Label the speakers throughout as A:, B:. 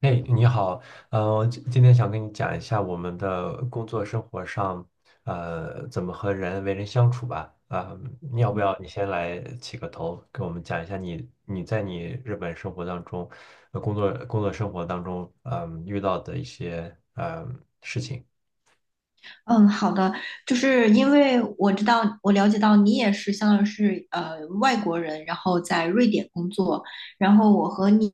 A: 嘿，你好，今天想跟你讲一下我们的工作生活上，怎么和人为人相处吧。啊、你要不要你先来起个头，给我们讲一下你在你日本生活当中，工作生活当中，遇到的一些事情。
B: 嗯，好的，就是因为我知道，我了解到你也是相当于是外国人，然后在瑞典工作，然后我和你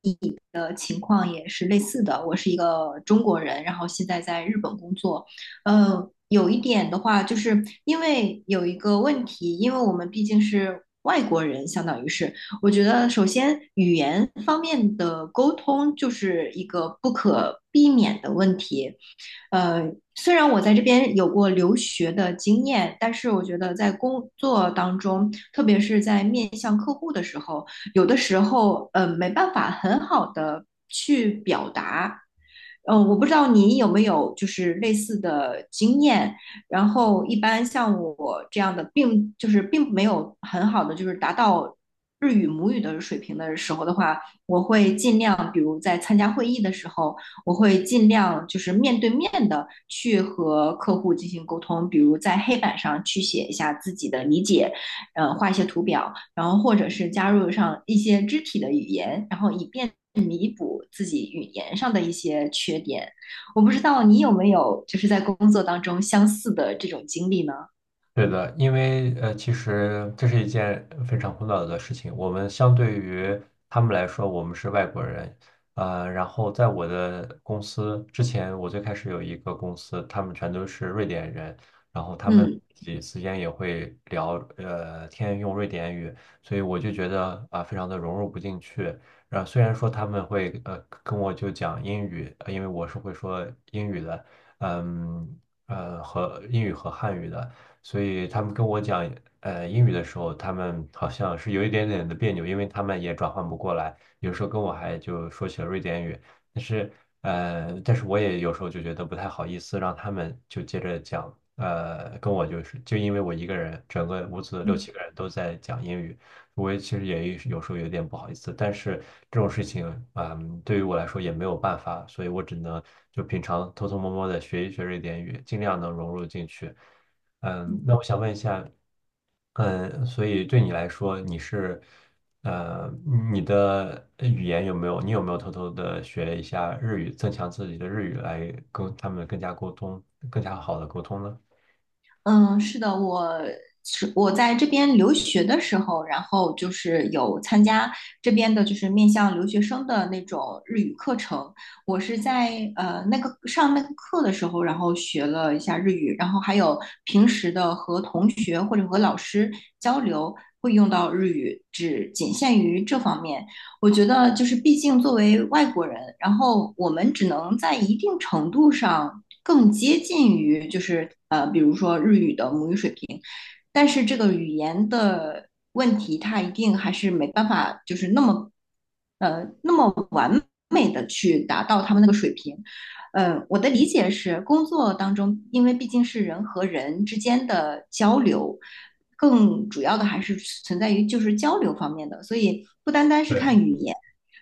B: 的情况也是类似的，我是一个中国人，然后现在在日本工作，有一点的话，就是因为有一个问题，因为我们毕竟是外国人，相当于是，我觉得首先语言方面的沟通就是一个不可避免的问题。呃，虽然我在这边有过留学的经验，但是我觉得在工作当中，特别是在面向客户的时候，有的时候没办法很好的去表达。我不知道你有没有就是类似的经验。然后一般像我这样的，并就是并没有很好的就是达到日语母语的水平的时候的话，我会尽量比如在参加会议的时候。我会尽量就是面对面的去和客户进行沟通，比如在黑板上去写一下自己的理解，呃，画一些图表，然后或者是加入上一些肢体的语言，然后以便弥补自己语言上的一些缺点。我不知道你有没有就是在工作当中相似的这种经历呢？
A: 对的，因为其实这是一件非常苦恼的事情。我们相对于他们来说，我们是外国人。然后在我的公司之前，我最开始有一个公司，他们全都是瑞典人，然后他们
B: 嗯。
A: 自己之间也会聊天用瑞典语，所以我就觉得啊、非常的融入不进去。然后虽然说他们会跟我就讲英语，因为我是会说英语的，嗯和英语和汉语的。所以他们跟我讲英语的时候，他们好像是有一点点的别扭，因为他们也转换不过来，有时候跟我还就说起了瑞典语，但是但是我也有时候就觉得不太好意思，让他们就接着讲，跟我就是就因为我一个人，整个屋子六七个人都在讲英语。我也其实也有时候有点不好意思，但是这种事情，嗯，对于我来说也没有办法，所以我只能就平常偷偷摸摸的学一学瑞典语，尽量能融入进去。嗯，那我想问一下，嗯，所以对你来说，你是，呃，你的语言有没有，你有没有偷偷的学一下日语，增强自己的日语，来跟他们更加沟通，更加好的沟通呢？
B: 嗯，是的，我在这边留学的时候，然后就是有参加这边的，就是面向留学生的那种日语课程。我是在那个上那个课的时候，然后学了一下日语，然后还有平时的和同学或者和老师交流会用到日语，只仅限于这方面。我觉得就是，毕竟作为外国人，然后我们只能在一定程度上更接近于，就是比如说日语的母语水平，但是这个语言的问题，它一定还是没办法，就是那么那么美的去达到他们那个水平。嗯，我的理解是，工作当中，因为毕竟是人和人之间的交流，更主要的还是存在于就是交流方面的，所以不单单是看
A: 对。
B: 语言。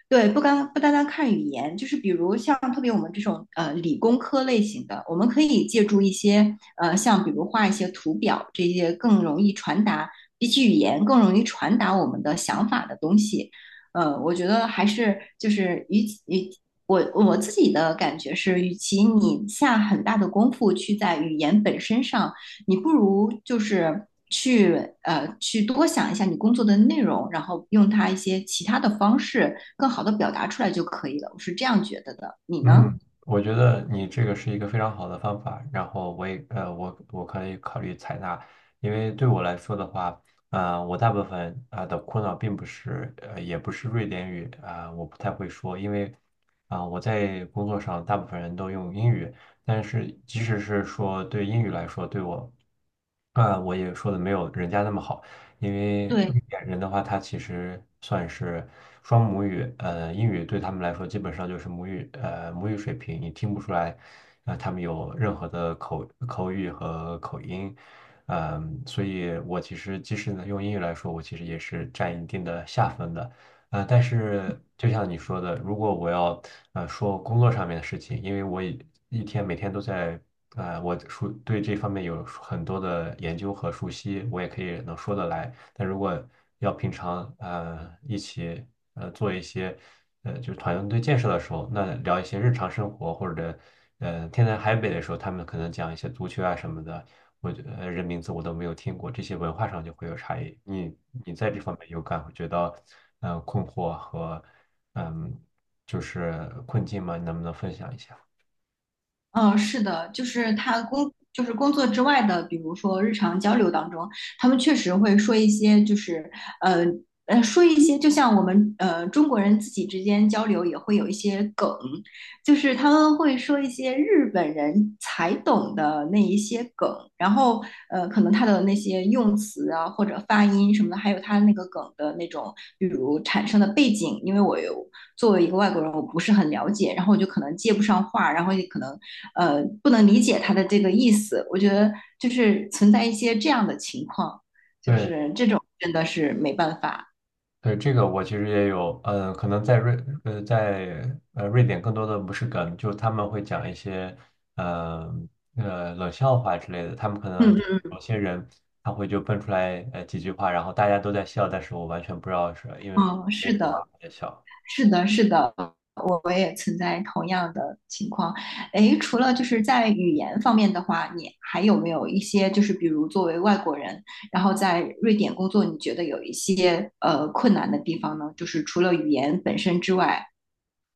B: 对，不单单看语言，就是比如像特别我们这种理工科类型的，我们可以借助一些像比如画一些图表这些更容易传达，比起语言更容易传达我们的想法的东西。呃，我觉得还是就是与我自己的感觉是，与其你下很大的功夫去在语言本身上你不如就是去去多想一下你工作的内容，然后用它一些其他的方式更好的表达出来就可以了。我是这样觉得的，你呢？
A: 嗯，我觉得你这个是一个非常好的方法，然后我也我可以考虑采纳，因为对我来说的话，我大部分啊、的苦恼并不是也不是瑞典语啊、我不太会说，因为啊、我在工作上大部分人都用英语，但是即使是说对英语来说，对我啊、我也说的没有人家那么好。因为
B: 对，
A: 瑞典人的话，他其实算是双母语，英语对他们来说基本上就是母语，母语水平，你听不出来，他们有任何的口语和口音，嗯、所以我其实即使呢用英语来说，我其实也是占一定的下分的。但是就像你说的，如果我要说工作上面的事情，因为我一天每天都在我熟对这方面有很多的研究和熟悉，我也可以能说得来。但如果要平常一起做一些就是团队建设的时候，那聊一些日常生活或者天南海北的时候，他们可能讲一些足球啊什么的，我觉得人名字我都没有听过，这些文化上就会有差异。你在这方面有感会觉到，困惑和嗯，就是困境吗？你能不能分享一下？
B: 嗯，是的，就是他工，就是工作之外的，比如说日常交流当中，他们确实会说一些，就是呃说一些，就像我们中国人自己之间交流也会有一些梗，就是他们会说一些日本人才懂的那一些梗，然后呃，可能他的那些用词啊，或者发音什么的，还有他那个梗的那种，比如产生的背景，因为我有。作为一个外国人，我不是很了解，然后我就可能接不上话，然后也可能不能理解他的这个意思。我觉得就是存在一些这样的情况，就
A: 对
B: 是这种真的是没办法。
A: 对，这个我其实也有，嗯，可能在瑞在瑞典更多的不是梗，就是他们会讲一些嗯呃，冷笑话之类的，他们可能就
B: 嗯
A: 有些人他会就蹦出来几句话，然后大家都在笑，但是我完全不知道是因为
B: 嗯嗯，是
A: 为什
B: 的，
A: 么在笑。
B: 是的，是的，我也存在同样的情况。诶，除了就是在语言方面的话，你还有没有一些就是比如作为外国人，然后在瑞典工作，你觉得有一些困难的地方呢？就是除了语言本身之外。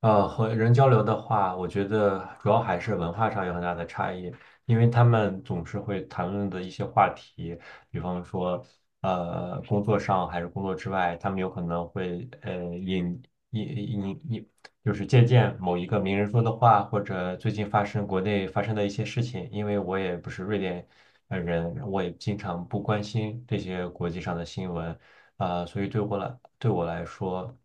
A: 和人交流的话，我觉得主要还是文化上有很大的差异，因为他们总是会谈论的一些话题，比方说，工作上还是工作之外，他们有可能会引引就是借鉴某一个名人说的话，或者最近发生国内发生的一些事情。因为我也不是瑞典人，我也经常不关心这些国际上的新闻，所以对我来说。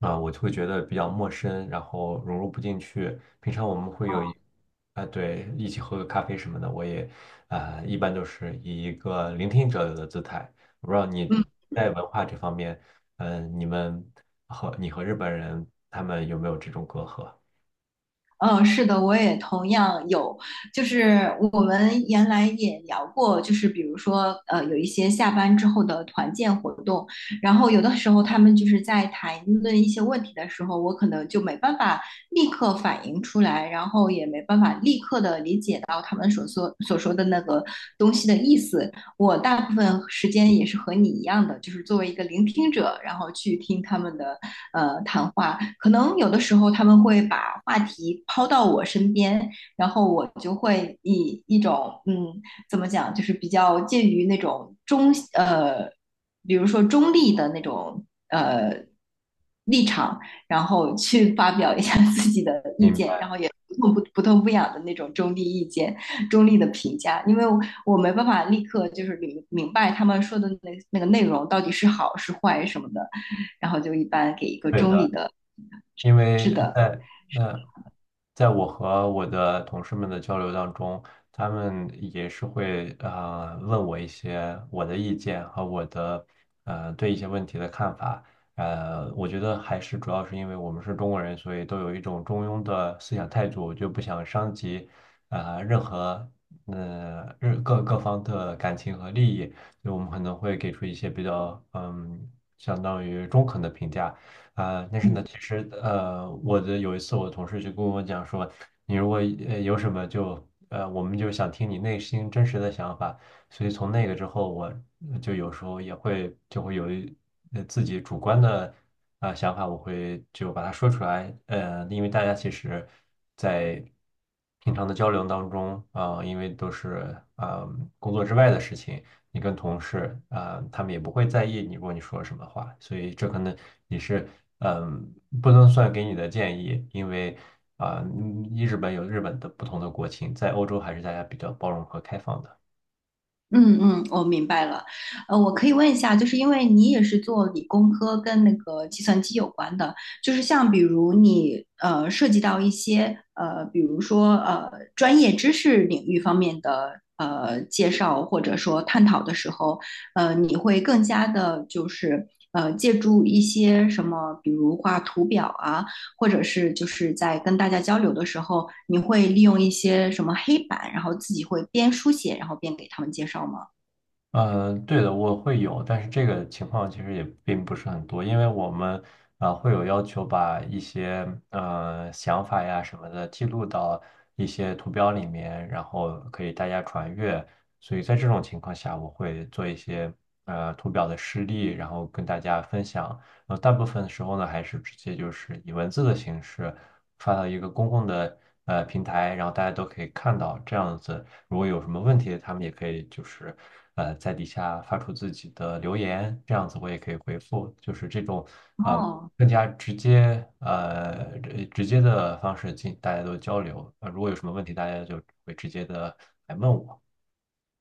A: 啊，我就会觉得比较陌生，然后融入不进去。平常我们会有
B: 嗯。
A: 一，啊，对，一起喝个咖啡什么的，我也，啊，一般都是以一个聆听者的姿态。我不知道你
B: 嗯
A: 在文化这方面，嗯、你们和你和日本人他们有没有这种隔阂？
B: 嗯，是的，我也同样有，就是我们原来也聊过，就是比如说，呃，有一些下班之后的团建活动，然后有的时候他们就是在谈论一些问题的时候，我可能就没办法立刻反应出来，然后也没办法立刻的理解到他们所说的那个东西的意思。我大部分时间也是和你一样的，就是作为一个聆听者，然后去听他们的谈话，可能有的时候他们会把话题抛到我身边，然后我就会以一种嗯怎么讲，就是比较介于那种比如说中立的那种立场，然后去发表一下 自己的意
A: 明
B: 见，然
A: 白，
B: 后也。不痛不痒的那种中立意见、中立的评价，因为我没办法立刻就是明白他们说的那个内容到底是好是坏什么的，然后就一般给一个
A: 对
B: 中立
A: 的。
B: 的。
A: 因为在那，在我和我的同事们的交流当中，他们也是会问我一些我的意见和我的对一些问题的看法。我觉得还是主要是因为我们是中国人，所以都有一种中庸的思想态度，就不想伤及任何任各各方的感情和利益，所以我们可能会给出一些比较嗯相当于中肯的评价。啊、但是呢，
B: 嗯
A: 其实我的有一次我同事就跟我讲说，你如果有什么就我们就想听你内心真实的想法，所以从那个之后，我就有时候也会就会有一自己主观的啊、想法，我会就把它说出来，因为大家其实，在平常的交流当中啊、因为都是啊、工作之外的事情。你跟同事啊、他们也不会在意你，如果你说什么话，所以这可能也是嗯，不能算给你的建议，因为啊、嗯日本有日本的不同的国情，在欧洲还是大家比较包容和开放的。
B: 嗯嗯，我明白了。呃，我可以问一下，就是因为你也是做理工科跟那个计算机有关的，就是像比如你涉及到一些呃，比如说专业知识领域方面的介绍或者说探讨的时候，呃，你会更加的就是借助一些什么，比如画图表啊。或者是就是在跟大家交流的时候，你会利用一些什么黑板，然后自己会边书写，然后边给他们介绍吗？
A: 嗯，对的，我会有，但是这个情况其实也并不是很多，因为我们啊、会有要求把一些想法呀什么的记录到一些图标里面，然后可以大家传阅。所以在这种情况下，我会做一些图表的示例，然后跟大家分享。大部分时候呢，还是直接就是以文字的形式发到一个公共的平台，然后大家都可以看到这样子。如果有什么问题，他们也可以就是在底下发出自己的留言，这样子我也可以回复，就是这种呃
B: 哦
A: 更加直接直接的方式进大家都交流。如果有什么问题，大家就会直接的来问我。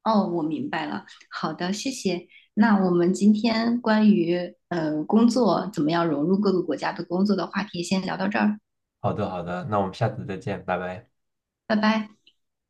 B: 哦，我明白了。好的，谢谢。那我们今天关于工作怎么样融入各个国家的工作的话题，先聊到这儿，
A: 好的，好的，那我们下次再见，拜拜。
B: 拜拜。